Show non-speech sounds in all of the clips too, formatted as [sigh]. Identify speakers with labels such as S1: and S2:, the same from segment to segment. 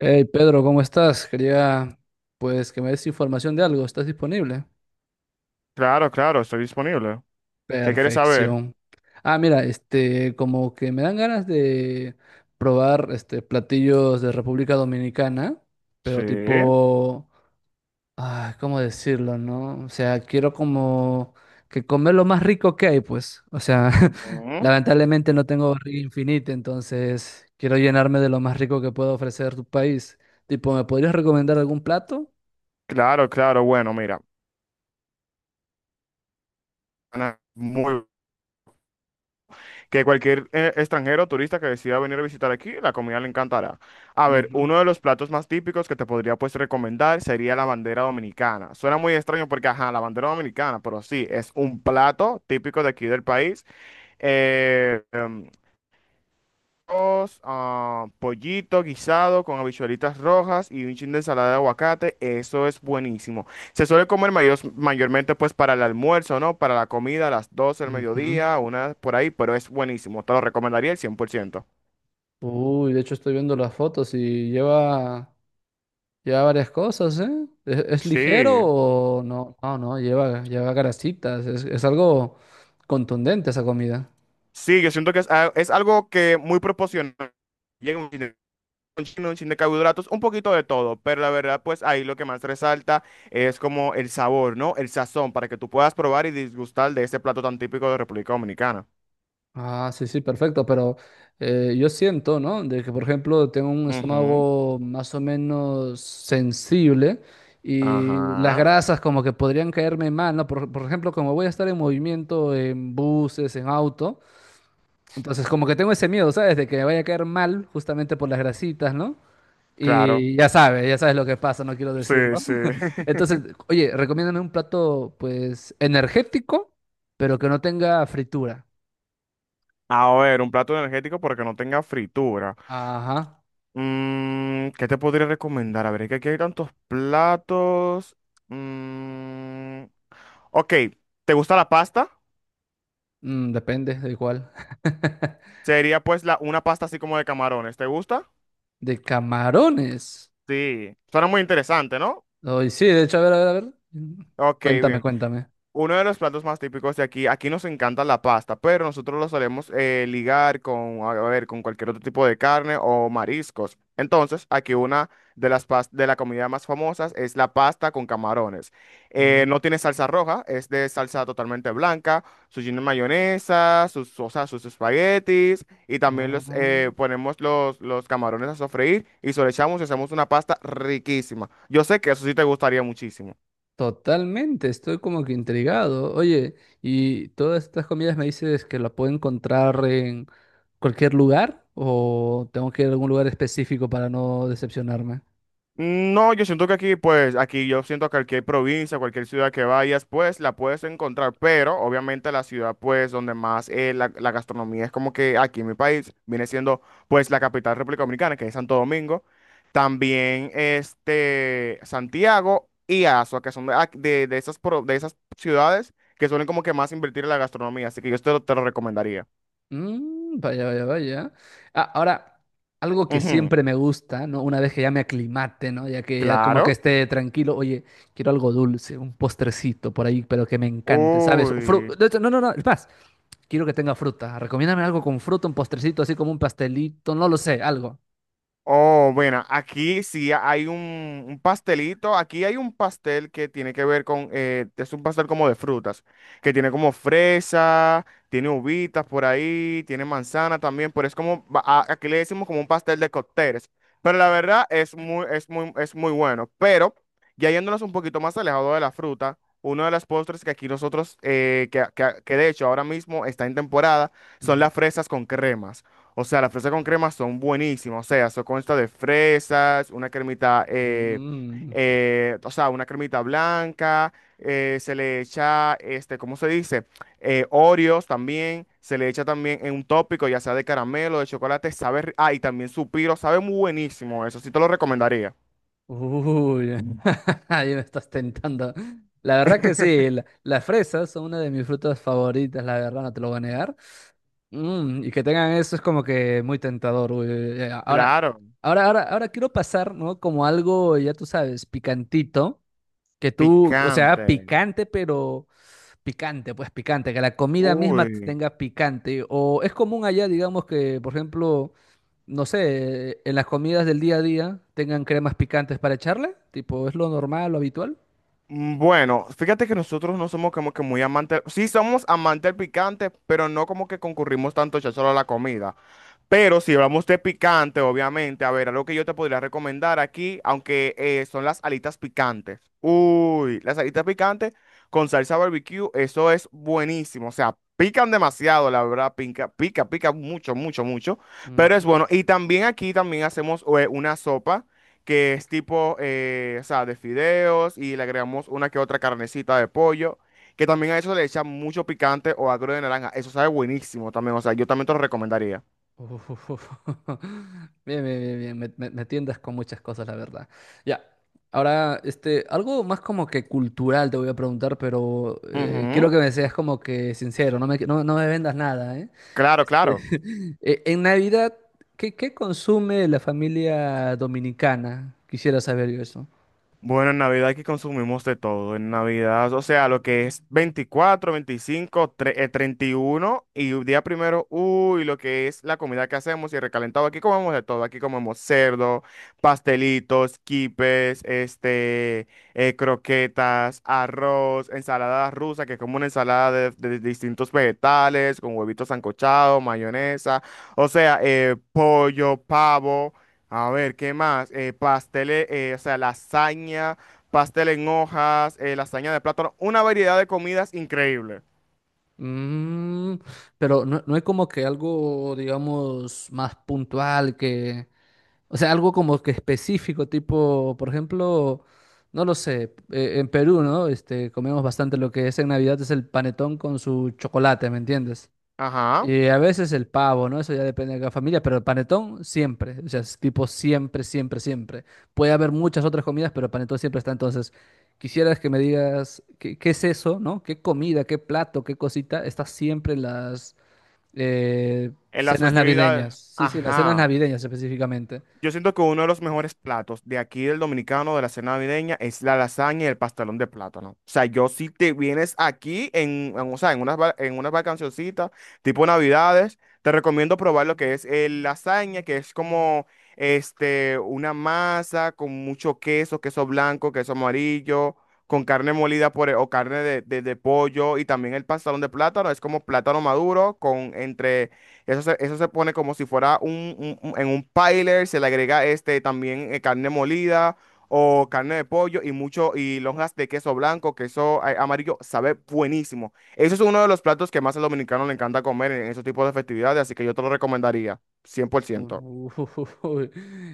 S1: Hey Pedro, ¿cómo estás? Quería pues que me des información de algo. ¿Estás disponible?
S2: Claro, claro, estoy disponible. ¿Qué quieres saber?
S1: Perfección. Mira, este, como que me dan ganas de probar este platillos de República Dominicana, pero
S2: Sí.
S1: tipo, ¿cómo decirlo, no? O sea, quiero como que comer lo más rico que hay, pues. O sea, [laughs]
S2: Ujú.
S1: lamentablemente no tengo barriga infinita, entonces quiero llenarme de lo más rico que pueda ofrecer tu país. Tipo, ¿me podrías recomendar algún plato?
S2: Claro, claro, bueno, mira. Ana, muy- que cualquier extranjero o turista que decida venir a visitar aquí, la comida le encantará. A ver,
S1: Ujú.
S2: uno de los platos más típicos que te podría pues recomendar sería la bandera dominicana. Suena muy extraño porque, ajá, la bandera dominicana, pero sí, es un plato típico de aquí del país. Eh, em, Arroz, ah, pollito guisado con habichuelitas rojas y un chin de ensalada de aguacate. Eso es buenísimo. Se suele comer mayormente pues para el almuerzo, ¿no? Para la comida a las 12 del
S1: Ujú.
S2: mediodía, una por ahí, pero es buenísimo. Te lo recomendaría el cien por ciento.
S1: Uy, de hecho estoy viendo las fotos y lleva varias cosas, ¿eh? ¿Es ligero
S2: Sí,
S1: o no? No, no, lleva grasitas, es algo contundente esa comida.
S2: sí, yo siento que es, es algo que muy proporcional. Un chin, un chin de carbohidratos, un poquito de todo, pero la verdad, pues ahí lo que más resalta es como el sabor, ¿no? El sazón, para que tú puedas probar y disgustar de este plato tan típico de República Dominicana.
S1: Ah, sí, sí, perfecto, pero yo siento, ¿no? De que, por ejemplo, tengo un
S2: Ujú,
S1: estómago más o menos sensible y las
S2: ajá,
S1: grasas como que podrían caerme mal, ¿no? Por ejemplo, como voy a estar en movimiento en buses, en auto. Entonces, como que tengo ese miedo, ¿sabes? De que me vaya a caer mal justamente por las grasitas, ¿no?
S2: claro.
S1: Y ya sabes lo que pasa, no quiero
S2: Sí,
S1: decirlo.
S2: sí.
S1: [laughs]
S2: [laughs]
S1: Entonces, oye, recomiéndame un plato, pues, energético, pero que no tenga fritura.
S2: A ver, un plato energético porque no tenga fritura.
S1: Ajá.
S2: Mm, ¿qué te podría recomendar? A ver, es que aquí hay tantos platos. Mm, ok, ¿te gusta la pasta?
S1: Mm, depende de cuál. [laughs]
S2: Sería pues una pasta así como de camarones. ¿Te gusta?
S1: De camarones.
S2: Sí, suena muy interesante, ¿no?
S1: Ay, sí, de hecho, a ver, a ver, a ver.
S2: Ok,
S1: Cuéntame,
S2: bien.
S1: cuéntame.
S2: Uno de los platos más típicos de aquí, aquí nos encanta la pasta, pero nosotros lo solemos ligar con, a ver, con cualquier otro tipo de carne o mariscos. Entonces, aquí una de la comida más famosas es la pasta con camarones. No
S1: Mm,
S2: tiene salsa roja, es de salsa totalmente blanca, su lleno de mayonesa, sus, o sea, sus espaguetis y también los
S1: no.
S2: ponemos los camarones a sofreír y se lo echamos y hacemos una pasta riquísima. Yo sé que eso sí te gustaría muchísimo.
S1: Totalmente, estoy como que intrigado. Oye, ¿y todas estas comidas me dices que la puedo encontrar en cualquier lugar o tengo que ir a algún lugar específico para no decepcionarme?
S2: No, yo siento que aquí, pues, aquí yo siento que cualquier provincia, cualquier ciudad que vayas, pues, la puedes encontrar, pero obviamente la ciudad, pues, donde más la gastronomía es como que aquí en mi país viene siendo, pues, la capital República Dominicana, que es Santo Domingo, también, este, Santiago y Azua, que son de esas, de esas ciudades que suelen como que más invertir en la gastronomía, así que yo te lo recomendaría.
S1: Mm, vaya, vaya, vaya. Ah, ahora, algo que
S2: Ujú,
S1: siempre me gusta, ¿no? Una vez que ya me aclimate, ¿no? Ya que ya como que
S2: claro.
S1: esté tranquilo, oye, quiero algo dulce, un postrecito por ahí, pero que me encante, ¿sabes?
S2: Uy.
S1: De hecho, no, no, no, es más, quiero que tenga fruta. Recomiéndame algo con fruta, un postrecito, así como un pastelito, no lo sé, algo.
S2: Oh, bueno, aquí sí hay un pastelito. Aquí hay un pastel que tiene que ver con, es un pastel como de frutas, que tiene como fresa, tiene uvitas por ahí, tiene manzana también, pero es como, aquí le decimos como un pastel de cócteles. Pero la verdad es muy, es muy, es muy bueno. Pero ya yéndonos un poquito más alejado de la fruta, uno de los postres que aquí nosotros, que de hecho ahora mismo está en temporada, son
S1: Ujú.
S2: las fresas con crema. O sea, las fresas con crema son buenísimas. O sea, eso consta de fresas, una cremita,
S1: Mm.
S2: o sea, una cremita blanca. Se le echa, este, ¿cómo se dice? Oreos también. Se le echa también en un tópico, ya sea de caramelo, de chocolate. Ah, y también su piro, sabe muy buenísimo. Eso sí te lo recomendaría.
S1: Uy, [laughs] ahí me estás tentando. La verdad que sí, las fresas son una de mis frutas favoritas, la verdad, no te lo voy a negar. Mm, y que tengan eso es como que muy tentador. Uy, uy, uy. Ahora,
S2: Claro,
S1: ahora quiero pasar, ¿no? Como algo, ya tú sabes, picantito, que tú, o sea,
S2: picante.
S1: picante, pero picante, pues picante, que la comida misma
S2: Uy.
S1: tenga picante. O es común allá, digamos que, por ejemplo, no sé, en las comidas del día a día tengan cremas picantes para echarle, tipo, ¿es lo normal, lo habitual?
S2: Mm, bueno, fíjate que nosotros no somos como que muy amantes, sí somos amantes del picante, pero no como que concurrimos tanto ya solo a la comida. Pero si hablamos de picante, obviamente, a ver, algo que yo te podría recomendar aquí, aunque son las alitas picantes. Uy, las alitas picantes con salsa barbecue, eso es buenísimo. O sea, pican demasiado, la verdad, pica, pica, pica mucho, mucho, mucho.
S1: Mm.
S2: Pero es bueno. Y también aquí también hacemos una sopa que es tipo, o sea, de fideos y le agregamos una que otra carnecita de pollo. Que también a eso le echan mucho picante o agro de naranja. Eso sabe buenísimo también. O sea, yo también te lo recomendaría.
S1: [laughs] Uf, uf, uf. [laughs] Bien, bien, bien, bien. Me tientas con muchas cosas, la verdad. Ya. Ahora, este, algo más como que cultural te voy a preguntar, pero
S2: Ujú,
S1: quiero que me seas como que sincero, no me, no, no me vendas nada, ¿eh?
S2: claro,
S1: Este,
S2: claro.
S1: [laughs] en Navidad, ¿qué, qué consume la familia dominicana? Quisiera saber yo eso.
S2: Bueno, en Navidad aquí consumimos de todo. En Navidad, o sea, lo que es 24 25 31 y un día primero, uy, lo que es la comida que hacemos y el recalentado. Aquí comemos de todo. Aquí comemos cerdo, pastelitos, quipes, este, croquetas, arroz, ensalada rusa, que es como una ensalada de distintos vegetales, con huevitos sancochados, mayonesa, o sea, pollo, pavo. A ver, ¿qué más? Eh, pasteles, o sea, lasaña, pastel en hojas, lasaña de plátano, una variedad de comidas increíble.
S1: Mm, pero no, no hay como que algo, digamos, más puntual que... O sea, algo como que específico, tipo, por ejemplo, no lo sé, en Perú, ¿no? Este, comemos bastante lo que es en Navidad, es el panetón con su chocolate, ¿me entiendes?
S2: Ajá.
S1: Y a veces el pavo, ¿no? Eso ya depende de cada familia, pero el panetón siempre, o sea, es tipo siempre, siempre, siempre. Puede haber muchas otras comidas, pero el panetón siempre está. Entonces, quisieras que me digas qué, qué es eso, ¿no? ¿Qué comida, qué plato, qué cosita está siempre en las eh,
S2: En las
S1: cenas
S2: festividades.
S1: navideñas? Sí, sí, las cenas
S2: Ajá.
S1: navideñas específicamente.
S2: Yo siento que uno de los mejores platos de aquí del dominicano de la cena navideña es la lasaña y el pastelón de plátano. O sea, yo si te vienes aquí o sea, en unas, en unas vacacioncitas, tipo Navidades, te recomiendo probar lo que es el lasaña, que es como este, una masa con mucho queso, queso blanco, queso amarillo, con carne molida o carne de pollo y también el pastelón de plátano, es como plátano maduro con entre... eso se pone como si fuera en un piler, se le agrega este también carne molida o carne de pollo y mucho y lonjas de queso blanco, queso amarillo, sabe buenísimo. Eso es uno de los platos que más al dominicano le encanta comer en esos tipos de festividades, así que yo te lo recomendaría, cien por ciento.
S1: Uno, uy,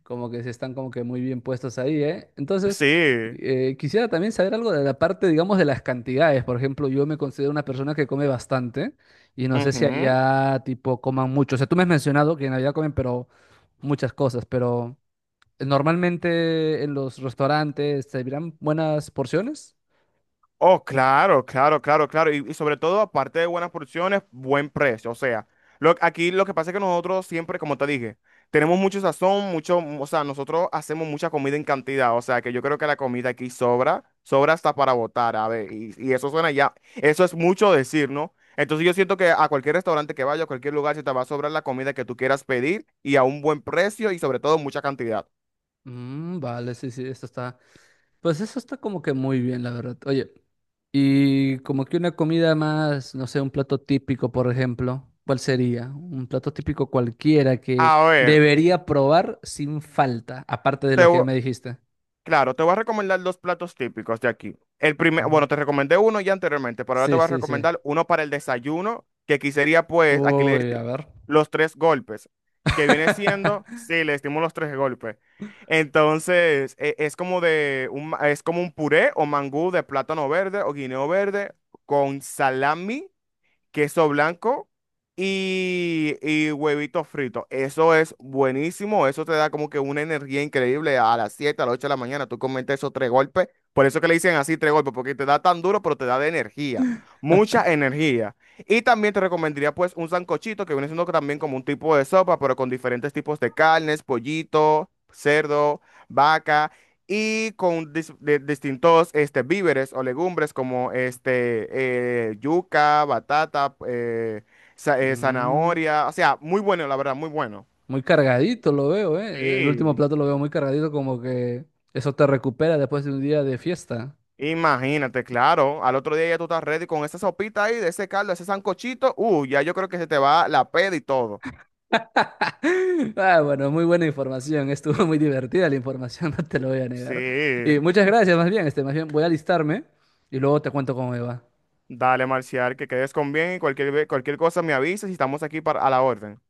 S1: [laughs] como que se están como que muy bien puestos ahí, ¿eh? Entonces,
S2: Sí.
S1: quisiera también saber algo de la parte, digamos, de las cantidades. Por ejemplo, yo me considero una persona que come bastante y no sé si
S2: Ujú.
S1: allá, tipo, coman mucho. O sea, tú me has mencionado que en Navidad comen, pero muchas cosas, pero normalmente en los restaurantes se servirán buenas porciones.
S2: Oh, claro, claro, claro, claro. Y sobre todo, aparte de buenas porciones, buen precio. O sea, lo, aquí lo que pasa es que nosotros siempre, como te dije, tenemos mucho sazón, mucho, o sea, nosotros hacemos mucha comida en cantidad. O sea, que yo creo que la comida aquí sobra, sobra hasta para botar, a ver. Y eso suena ya, eso es mucho decir, ¿no? Entonces yo siento que a cualquier restaurante que vaya, a cualquier lugar, se te va a sobrar la comida que tú quieras pedir y a un buen precio y sobre todo mucha cantidad.
S1: Mm, vale, sí, sí, esto está. Pues eso está como que muy bien, la verdad. Oye. Y como que una comida más, no sé, un plato típico, por ejemplo, ¿cuál sería? Un plato típico cualquiera que
S2: A ver,
S1: debería probar sin falta, aparte de
S2: te,
S1: lo que ya me dijiste.
S2: Claro, te voy a recomendar dos platos típicos de aquí.
S1: Ujú.
S2: Bueno, te recomendé uno ya anteriormente, pero ahora te
S1: Sí,
S2: voy a
S1: sí, sí.
S2: recomendar uno para el desayuno, que aquí sería pues, aquí le
S1: Uy, a
S2: decimos
S1: ver.
S2: los tres golpes, que viene siendo,
S1: [laughs]
S2: sí, le decimos los tres golpes. Entonces, es como de es como un puré o mangú de plátano verde o guineo verde con salami queso blanco y huevitos fritos. Eso es buenísimo, eso te da como que una energía increíble a las 7 a las 8 de la mañana. Tú comes esos tres golpes, por eso que le dicen así tres golpes, porque te da tan duro, pero te da de energía, mucha energía. Y también te recomendaría pues un sancochito que viene siendo también como un tipo de sopa, pero con diferentes tipos de carnes, pollito, cerdo, vaca y con distintos este, víveres o legumbres como este, yuca, batata,
S1: Mm,
S2: zanahoria, o sea, muy bueno, la verdad, muy bueno.
S1: muy cargadito lo veo, ¿eh? El último
S2: Sí.
S1: plato lo veo muy cargadito, como que eso te recupera después de un día de fiesta.
S2: Imagínate, claro, al otro día ya tú estás ready con esa sopita ahí, de ese caldo, ese sancochito, ya yo creo que se te va la peda y todo.
S1: [laughs] Ah, bueno, muy buena información. Estuvo muy divertida la información, [laughs] no te lo voy a negar.
S2: Sí.
S1: Y muchas
S2: [laughs]
S1: gracias, más bien, este, más bien voy a alistarme y luego te cuento cómo me va.
S2: Dale, Marcial, que quedes con bien y cualquier cosa me avisas y estamos aquí para, a la orden.